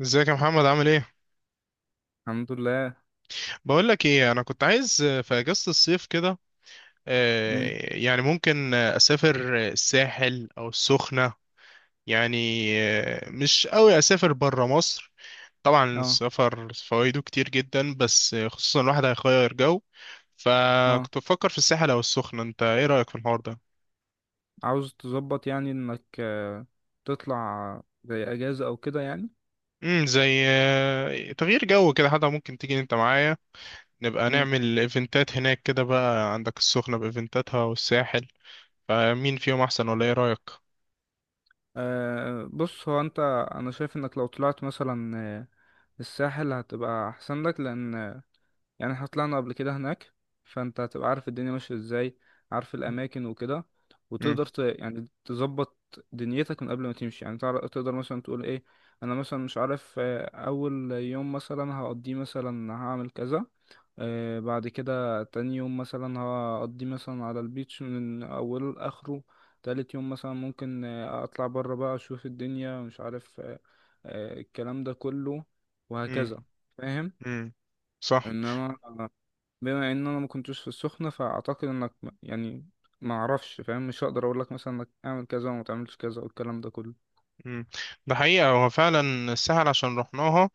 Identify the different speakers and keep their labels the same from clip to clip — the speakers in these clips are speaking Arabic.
Speaker 1: ازيك يا محمد، عامل ايه؟
Speaker 2: الحمد لله.
Speaker 1: بقول لك ايه، انا كنت عايز في اجازة الصيف كده.
Speaker 2: امم.
Speaker 1: يعني ممكن اسافر الساحل او السخنة. يعني. مش قوي اسافر برا مصر. طبعا
Speaker 2: اه،
Speaker 1: السفر فوائده كتير جدا، بس خصوصا الواحد هيغير جو.
Speaker 2: اه.
Speaker 1: فكنت بفكر في الساحل او السخنة. انت ايه رأيك في الحوار ده؟
Speaker 2: عاوز تظبط يعني انك تطلع زي اجازة او كده يعني.
Speaker 1: زي تغيير جو كده، حتى ممكن تيجي انت معايا، نبقى
Speaker 2: امم.
Speaker 1: نعمل ايفنتات هناك كده. بقى عندك السخنة بايفنتاتها والساحل، فمين فيهم احسن؟ ولا ايه رايك؟
Speaker 2: بص هو انت. انا شايف انك لو طلعت مثلا الساحل هتبقى احسن لك، لان يعني احنا طلعنا قبل كده هناك، فانت هتبقى عارف الدنيا ماشية ازاي، عارف الاماكن وكده،
Speaker 1: امم.
Speaker 2: وتقدر يعني تظبط دنيتك من قبل ما تمشي، يعني تقدر مثلا تقول ايه. انا مثلا مش عارف، اول يوم مثلا هقضيه مثلا هعمل كذا. بعد كده تاني يوم مثلا هقضي مثلا على البيتش من اوله لاخره. تالت يوم مثلا ممكن اطلع بره بقى اشوف الدنيا، مش عارف الكلام ده كله،
Speaker 1: امم.
Speaker 2: وهكذا. فاهم؟
Speaker 1: امم، صح.
Speaker 2: انما بما ان انا ما كنتش في السخنة، فاعتقد انك يعني ما اعرفش، فاهم؟ مش هقدر اقول لك مثلا انك اعمل كذا وما تعملش كذا والكلام ده كله.
Speaker 1: امم. ده حقيقة هو فعلا السهل عشان رحناها.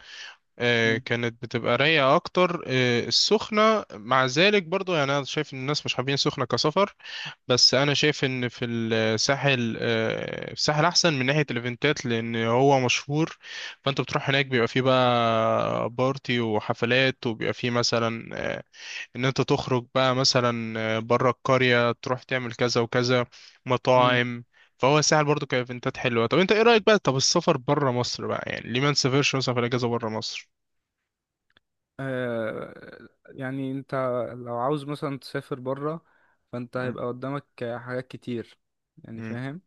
Speaker 1: كانت بتبقى رايقة أكتر، السخنة مع ذلك برضو، يعني أنا شايف إن الناس مش حابين السخنة كسفر. بس أنا شايف إن في الساحل، الساحل أحسن من ناحية الإيفنتات لأن هو مشهور. فأنت بتروح هناك بيبقى فيه بقى بارتي وحفلات، وبيبقى فيه مثلا ان انت تخرج بقى مثلا بره القرية، تروح تعمل كذا وكذا،
Speaker 2: مم.
Speaker 1: مطاعم. فهو الساحل برضو كايفنتات حلوة. طب انت ايه رأيك بقى؟ طب السفر بره مصر بقى، يعني ليه ما نسافرش مثلا في الاجازة بره مصر؟
Speaker 2: يعني انت لو عاوز مثلا تسافر بره، فانت
Speaker 1: مم.
Speaker 2: هيبقى قدامك حاجات كتير يعني.
Speaker 1: امم.
Speaker 2: فاهم؟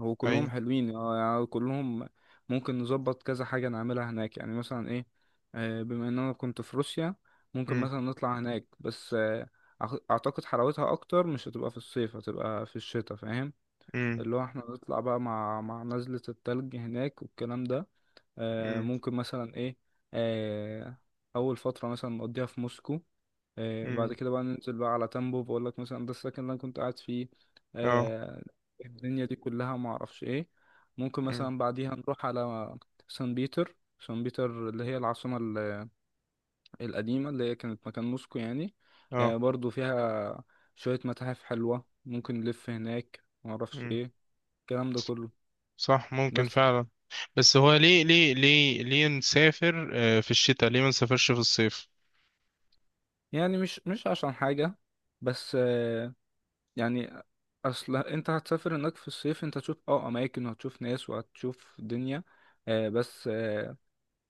Speaker 2: هو كلهم
Speaker 1: ايوه.
Speaker 2: حلوين، اه، يعني كلهم ممكن نظبط كذا حاجة نعملها هناك، يعني مثلا ايه. بما ان انا كنت في روسيا، ممكن
Speaker 1: امم.
Speaker 2: مثلا نطلع هناك، بس اعتقد حلاوتها اكتر مش هتبقى في الصيف، هتبقى في الشتاء. فاهم؟
Speaker 1: امم.
Speaker 2: اللي هو احنا نطلع بقى مع نزلة التلج هناك والكلام ده.
Speaker 1: امم.
Speaker 2: ممكن مثلا ايه. آه، اول فتره مثلا نقضيها في موسكو. بعد
Speaker 1: امم.
Speaker 2: كده بقى ننزل بقى على تامبوف، بقول لك مثلا ده السكن اللي انا كنت قاعد فيه.
Speaker 1: اه.
Speaker 2: آه، الدنيا دي كلها ما اعرفش ايه. ممكن
Speaker 1: امم.
Speaker 2: مثلا بعديها نروح على سان بيتر. سان بيتر اللي هي العاصمه القديمه اللي هي كانت مكان موسكو يعني.
Speaker 1: اه.
Speaker 2: برضو فيها شويه متاحف حلوه، ممكن نلف هناك ما اعرفش
Speaker 1: امم،
Speaker 2: ايه الكلام ده كله.
Speaker 1: صح، ممكن
Speaker 2: بس
Speaker 1: فعلا. بس هو ليه نسافر في الشتاء؟ ليه ما نسافرش في الصيف؟
Speaker 2: يعني مش عشان حاجه، بس يعني اصل انت هتسافر هناك في الصيف، انت هتشوف اه اماكن وهتشوف ناس وهتشوف دنيا. آه بس آه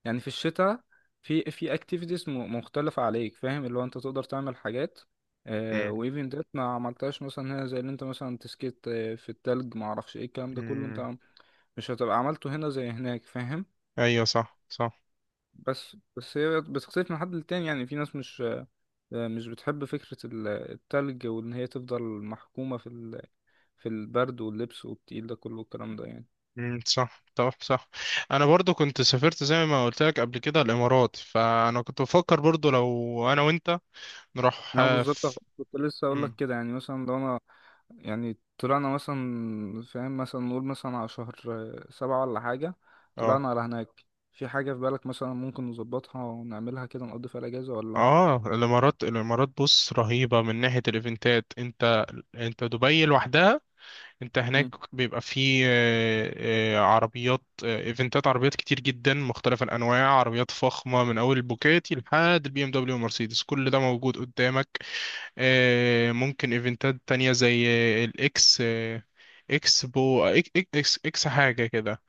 Speaker 2: يعني في الشتاء في اكتيفيتيز مختلفة عليك. فاهم؟ اللي هو انت تقدر تعمل حاجات. آه
Speaker 1: امم.
Speaker 2: وايفن ديت ما عملتهاش مثلا هنا، زي اللي انت مثلا تسكيت في التلج ما اعرفش ايه الكلام ده كله.
Speaker 1: امم.
Speaker 2: انت مش هتبقى عملته هنا زي هناك. فاهم؟
Speaker 1: ايوه، صح، صح.
Speaker 2: بس هي بتختلف من حد للتاني، يعني في ناس مش بتحب فكرة التلج، وإن هي تفضل محكومة في البرد واللبس والتقيل ده كله الكلام ده يعني.
Speaker 1: امم، صح. طب، صح. انا برضو كنت سافرت، زي ما قلت لك قبل كده، الامارات. فانا كنت بفكر برضو لو انا وانت نروح
Speaker 2: أنا بالظبط
Speaker 1: في.
Speaker 2: كنت لسه أقول لك
Speaker 1: امم.
Speaker 2: كده، يعني مثلا لو أنا يعني طلعنا مثلا، فاهم، مثلا نقول مثلا على شهر سبعة ولا حاجة،
Speaker 1: اه.
Speaker 2: طلعنا على هناك. في حاجة في بالك مثلا ممكن نظبطها ونعملها كده نقضي فيها الأجازة ولا؟
Speaker 1: اه. الامارات الامارات، بص، رهيبه من ناحيه الايفنتات. انت دبي لوحدها. انت
Speaker 2: مم.
Speaker 1: هناك بيبقى فيه عربيات، ايفنتات، عربيات كتير جدا مختلف الانواع، عربيات فخمه من اول البوكاتي لحد BMW ومرسيدس، كل ده موجود قدامك. ممكن ايفنتات تانية زي الاكس، اكس بو إك- إك- اكس اكس حاجة كده.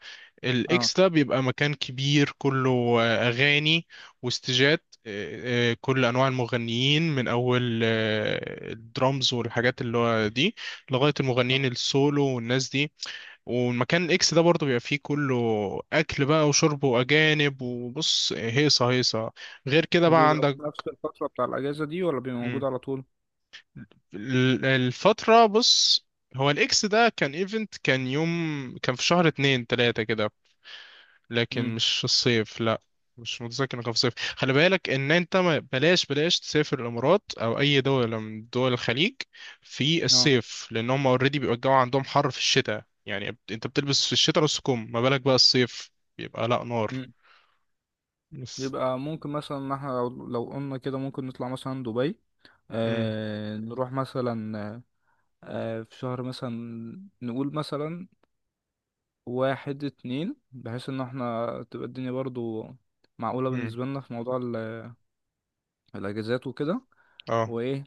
Speaker 2: اه.
Speaker 1: الاكس ده بيبقى مكان كبير كله. اغاني، واستيجات، كل انواع المغنيين من اول الدرامز والحاجات اللي هو دي، لغاية المغنيين
Speaker 2: اه.
Speaker 1: السولو والناس دي. والمكان الاكس ده برضه بيبقى فيه كله، اكل بقى وشرب واجانب، وبص هيصة هيصة. غير كده بقى
Speaker 2: وبيبقى
Speaker 1: عندك.
Speaker 2: في نفس الفترة بتاع الأجازة دي ولا بيبقى موجود على طول؟
Speaker 1: الفترة، بص، هو الاكس ده كان ايفنت، كان يوم، كان في شهر اتنين تلاتة كده، لكن
Speaker 2: مم.
Speaker 1: مش الصيف، لا. مش متذكر انه كان في الصيف. خلي بالك ان انت، بلاش بلاش تسافر الامارات او اي دولة من دول الخليج في
Speaker 2: اه.
Speaker 1: الصيف، لان هم اوريدي بيبقى الجو عندهم حر في الشتاء، يعني انت بتلبس في الشتاء نص كم، ما بالك بقى الصيف؟ بيبقى لا نار. بس.
Speaker 2: يبقى ممكن مثلا ان احنا لو قلنا كده ممكن نطلع مثلا دبي.
Speaker 1: امم.
Speaker 2: آه نروح مثلا في شهر مثلا، نقول مثلا واحد اتنين، بحيث ان احنا تبقى الدنيا برضو معقولة
Speaker 1: امم.
Speaker 2: بالنسبة لنا في موضوع الاجازات وكده.
Speaker 1: اه.
Speaker 2: وايه،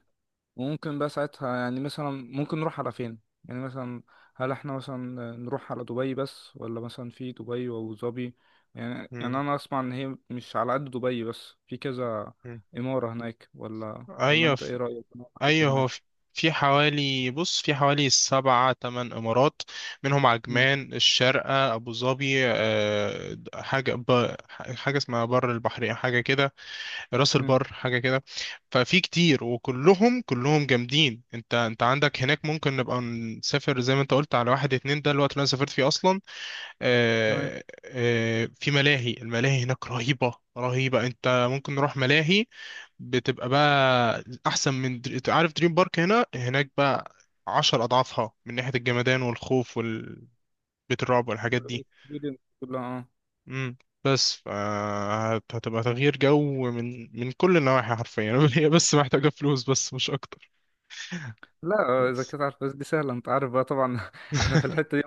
Speaker 2: ممكن بقى ساعتها يعني مثلا ممكن نروح على فين؟ يعني مثلا، هل احنا مثلا نروح على دبي بس، ولا مثلا في دبي وابو ظبي؟ يعني، يعني
Speaker 1: امم.
Speaker 2: انا اسمع ان هي مش على قد دبي، بس في كذا إمارة هناك. ولا
Speaker 1: ايوه.
Speaker 2: انت ايه رأيك؟ انا كنت
Speaker 1: ايوه،
Speaker 2: هناك.
Speaker 1: هو في حوالي، بص، في حوالي سبعة تمن امارات، منهم
Speaker 2: مم.
Speaker 1: عجمان، الشارقة، ابو ظبي، حاجة حاجة اسمها بر البحرية، حاجة كده، راس
Speaker 2: مم.
Speaker 1: البر حاجة كده. ففي كتير وكلهم كلهم جامدين. انت عندك هناك، ممكن نبقى نسافر زي ما انت قلت على واحد اتنين، ده الوقت اللي انا سافرت فيه اصلا.
Speaker 2: تمام.
Speaker 1: في ملاهي. الملاهي هناك رهيبة رهيبة، انت ممكن نروح ملاهي، بتبقى بقى احسن من انت عارف دريم بارك هنا. هناك بقى 10 اضعافها من ناحية الجمدان والخوف، والبيت الرعب والحاجات دي.
Speaker 2: الدنيا كلها اه.
Speaker 1: امم. بس هتبقى تغيير جو من كل النواحي حرفيا. هي بس محتاجة فلوس، بس مش اكتر.
Speaker 2: لا، اذا
Speaker 1: بس.
Speaker 2: كنت عارف بس دي سهلة انت عارف بقى طبعا. احنا في الحتة دي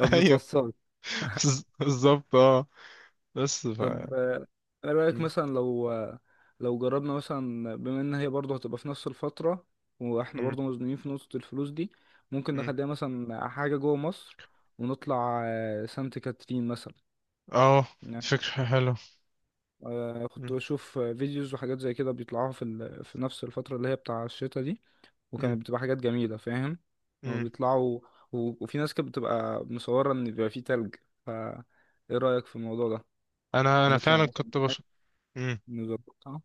Speaker 2: ما
Speaker 1: ايوه،
Speaker 2: بنتوصلش.
Speaker 1: بالظبط. اه، بس
Speaker 2: طب انا رايك
Speaker 1: مم.
Speaker 2: مثلا لو لو جربنا مثلا بما ان هي برضه هتبقى في نفس الفتره، واحنا
Speaker 1: مم.
Speaker 2: برضه مزنوقين في نقطه الفلوس دي، ممكن
Speaker 1: مم.
Speaker 2: نخليها مثلا حاجه جوه مصر، ونطلع سانت كاترين مثلا
Speaker 1: اه، دي
Speaker 2: يعني.
Speaker 1: فكرة حلوة.
Speaker 2: كنت بشوف فيديوز وحاجات زي كده بيطلعوها في نفس الفتره اللي هي بتاع الشتا دي،
Speaker 1: مم.
Speaker 2: وكانت بتبقى حاجات جميله. فاهم؟ هو
Speaker 1: مم.
Speaker 2: بيطلعوا، وفي ناس كانت بتبقى مصوره ان بيبقى فيه تلج، فا ايه رايك في الموضوع ده؟
Speaker 1: انا
Speaker 2: نطلع
Speaker 1: فعلا
Speaker 2: مثلا
Speaker 1: كنت
Speaker 2: هناك
Speaker 1: مم.
Speaker 2: نظبطها.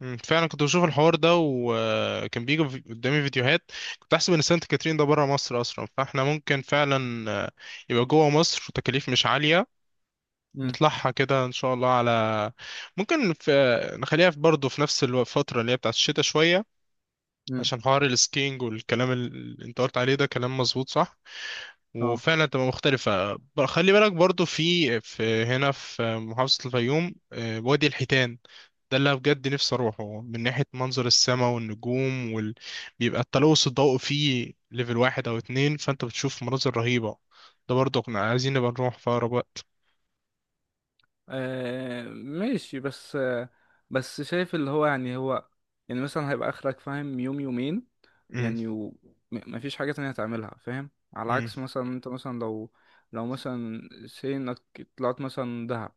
Speaker 1: مم. فعلا كنت بشوف الحوار ده، وكان بيجي قدامي فيديوهات. كنت احسب ان سانت كاترين ده بره مصر اصلا، فاحنا ممكن فعلا يبقى جوه مصر وتكاليف مش عالية. نطلعها كده ان شاء الله على، ممكن نخليها في برضه في نفس الفترة اللي هي بتاعت الشتاء شوية،
Speaker 2: مم.
Speaker 1: عشان حوار السكينج. والكلام اللي انت قلت عليه ده كلام مظبوط، صح.
Speaker 2: اه.
Speaker 1: وفعلا تبقى مختلفة. خلي بالك برضو في هنا في محافظة الفيوم، وادي الحيتان، ده اللي أنا بجد نفسي أروحه من ناحية منظر السماء والنجوم بيبقى التلوث الضوء فيه ليفل واحد أو اتنين، فأنت بتشوف مناظر رهيبة. ده برضو كنا عايزين نبقى نروح في أقرب وقت.
Speaker 2: ماشي. بس بس شايف اللي هو يعني هو يعني مثلا هيبقى اخرك فاهم يوم يومين،
Speaker 1: مم.
Speaker 2: يعني مفيش حاجة تانية هتعملها. فاهم؟ على
Speaker 1: مم.
Speaker 2: عكس مثلا انت مثلا لو مثلا سي انك طلعت مثلا دهب،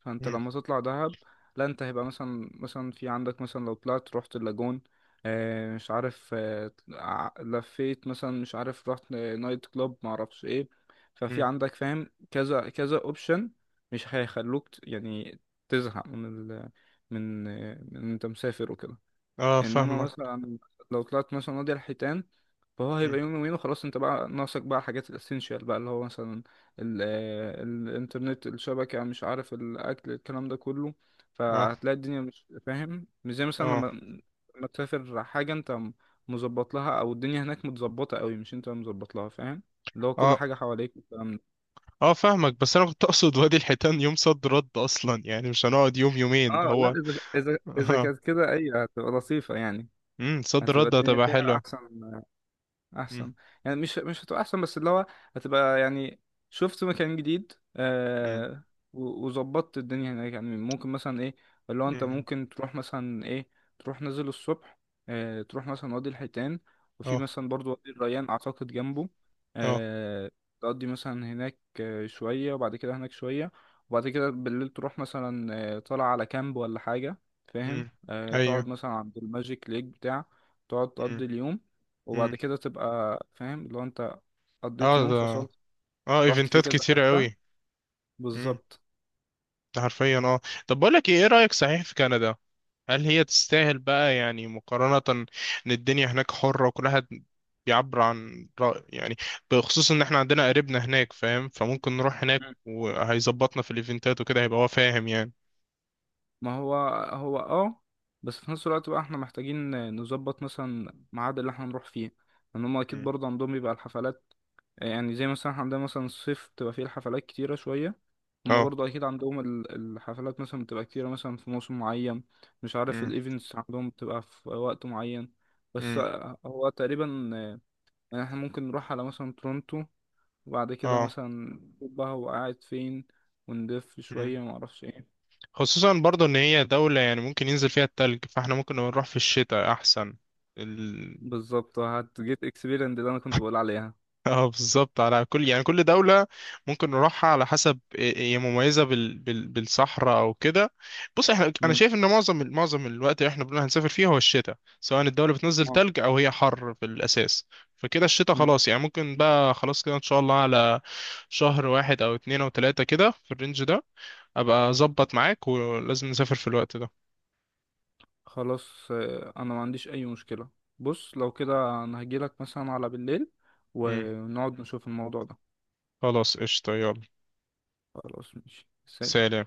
Speaker 2: فانت
Speaker 1: مم.
Speaker 2: لما تطلع دهب، لا انت هيبقى مثلا مثلا في عندك مثلا لو طلعت رحت اللاجون، مش عارف لفيت مثلا مش عارف رحت نايت كلوب معرفش ايه، ففي
Speaker 1: مم.
Speaker 2: عندك فاهم كذا كذا اوبشن مش هيخلوك يعني تزهق من ال من آه، من انت مسافر وكده.
Speaker 1: اه،
Speaker 2: انما
Speaker 1: فاهمك.
Speaker 2: مثلا لو طلعت مثلا وادي الحيتان فهو
Speaker 1: مم.
Speaker 2: هيبقى يوم يومين وخلاص، انت بقى ناقصك بقى حاجات الاسينشال بقى اللي هو مثلا الانترنت الشبكة مش عارف الاكل الكلام ده كله،
Speaker 1: اه.
Speaker 2: فهتلاقي الدنيا مش فاهم مش زي مثلا لما
Speaker 1: اه.
Speaker 2: تسافر حاجة انت مظبط لها او الدنيا هناك متظبطة قوي مش انت مظبط لها. فاهم؟ اللي هو كل
Speaker 1: اه.
Speaker 2: حاجة حواليك والكلام ده.
Speaker 1: اه، فاهمك. بس أنا كنت أقصد وادي الحيتان يوم صد رد أصلا، يعني مش هنقعد يوم يومين، ده
Speaker 2: اه. لا
Speaker 1: هو.
Speaker 2: اذا اذا كانت كده ايوه هتبقى لطيفة يعني.
Speaker 1: امم، صد
Speaker 2: هتبقى
Speaker 1: رد
Speaker 2: الدنيا
Speaker 1: هتبقى
Speaker 2: فيها
Speaker 1: حلوة.
Speaker 2: احسن
Speaker 1: امم.
Speaker 2: احسن، يعني مش هتبقى احسن بس اللي هو هتبقى يعني شفت مكان جديد
Speaker 1: امم.
Speaker 2: آه، وظبطت الدنيا هناك. يعني ممكن مثلا ايه، اللي هو انت
Speaker 1: امم.
Speaker 2: ممكن تروح مثلا ايه، تروح نازل الصبح آه تروح مثلا وادي الحيتان، وفي
Speaker 1: اه.
Speaker 2: مثلا برضو وادي الريان اعتقد جنبه
Speaker 1: اه.
Speaker 2: آه، تقضي مثلا هناك شوية وبعد كده هناك شوية، وبعد كده بالليل تروح مثلا طالع على كامب ولا حاجة، فاهم،
Speaker 1: امم.
Speaker 2: آه تقعد
Speaker 1: ايوه.
Speaker 2: مثلا عند الماجيك ليك بتاع تقعد
Speaker 1: امم.
Speaker 2: تقضي اليوم، وبعد
Speaker 1: امم.
Speaker 2: كده تبقى فاهم لو انت قضيت
Speaker 1: اه،
Speaker 2: يوم
Speaker 1: ده.
Speaker 2: فصلت
Speaker 1: اه،
Speaker 2: رحت فيه
Speaker 1: ايفنتات
Speaker 2: كذا
Speaker 1: كتيرة
Speaker 2: حتة.
Speaker 1: قوي. امم،
Speaker 2: بالظبط.
Speaker 1: ده حرفيا. اه. طب بقول لك ايه، إيه رأيك صحيح في كندا؟ هل هي تستاهل بقى يعني؟ مقارنة ان الدنيا هناك حرة وكل واحد بيعبر عن رأي، يعني بخصوص ان احنا عندنا قريبنا هناك، فاهم؟ فممكن نروح هناك
Speaker 2: مم.
Speaker 1: وهيظبطنا في الايفنتات وكده، هيبقى هو فاهم يعني.
Speaker 2: ما هو هو اه، بس في نفس الوقت بقى احنا محتاجين نظبط مثلا ميعاد اللي احنا نروح فيه، لان هم اكيد
Speaker 1: امم.
Speaker 2: برضه عندهم بيبقى الحفلات، يعني زي مثلا احنا عندنا مثلا الصيف بتبقى فيه الحفلات كتيرة شوية، هم
Speaker 1: اه.
Speaker 2: برضه اكيد عندهم الحفلات مثلا بتبقى كتيرة مثلا في موسم معين، مش عارف
Speaker 1: امم.
Speaker 2: الايفنتس عندهم بتبقى في وقت معين. بس
Speaker 1: امم.
Speaker 2: هو تقريبا يعني احنا ممكن نروح على مثلا تورونتو، وبعد كده
Speaker 1: اه،
Speaker 2: مثلا نشوف بقى هو قاعد فين ونلف شوية معرفش ايه.
Speaker 1: خصوصا برضو ان هي دولة يعني ممكن ينزل فيها التلج، فاحنا ممكن نروح في الشتاء احسن. ال...
Speaker 2: بالظبط هتجيت اكسبيرينس اللي انا كنت بقول عليها.
Speaker 1: اه، بالظبط. على كل يعني، كل دولة ممكن نروحها على حسب هي مميزة بالصحراء او كده. بص احنا، انا
Speaker 2: مم.
Speaker 1: شايف ان معظم الوقت اللي احنا بنقول هنسافر فيه هو الشتاء، سواء الدولة بتنزل
Speaker 2: اه.
Speaker 1: تلج او هي حر في الاساس. فكده الشتاء
Speaker 2: مم.
Speaker 1: خلاص يعني. ممكن بقى خلاص كده ان شاء الله على شهر واحد او اتنين او تلاتة كده، في الرينج ده. ابقى اظبط معاك، ولازم نسافر في الوقت ده.
Speaker 2: خلاص انا ما عنديش اي مشكلة. بص لو كده انا هجيلك مثلا على بالليل ونقعد نشوف الموضوع ده.
Speaker 1: خلاص، قشطة، يلا.
Speaker 2: خلاص ماشي، سلام.
Speaker 1: سلام.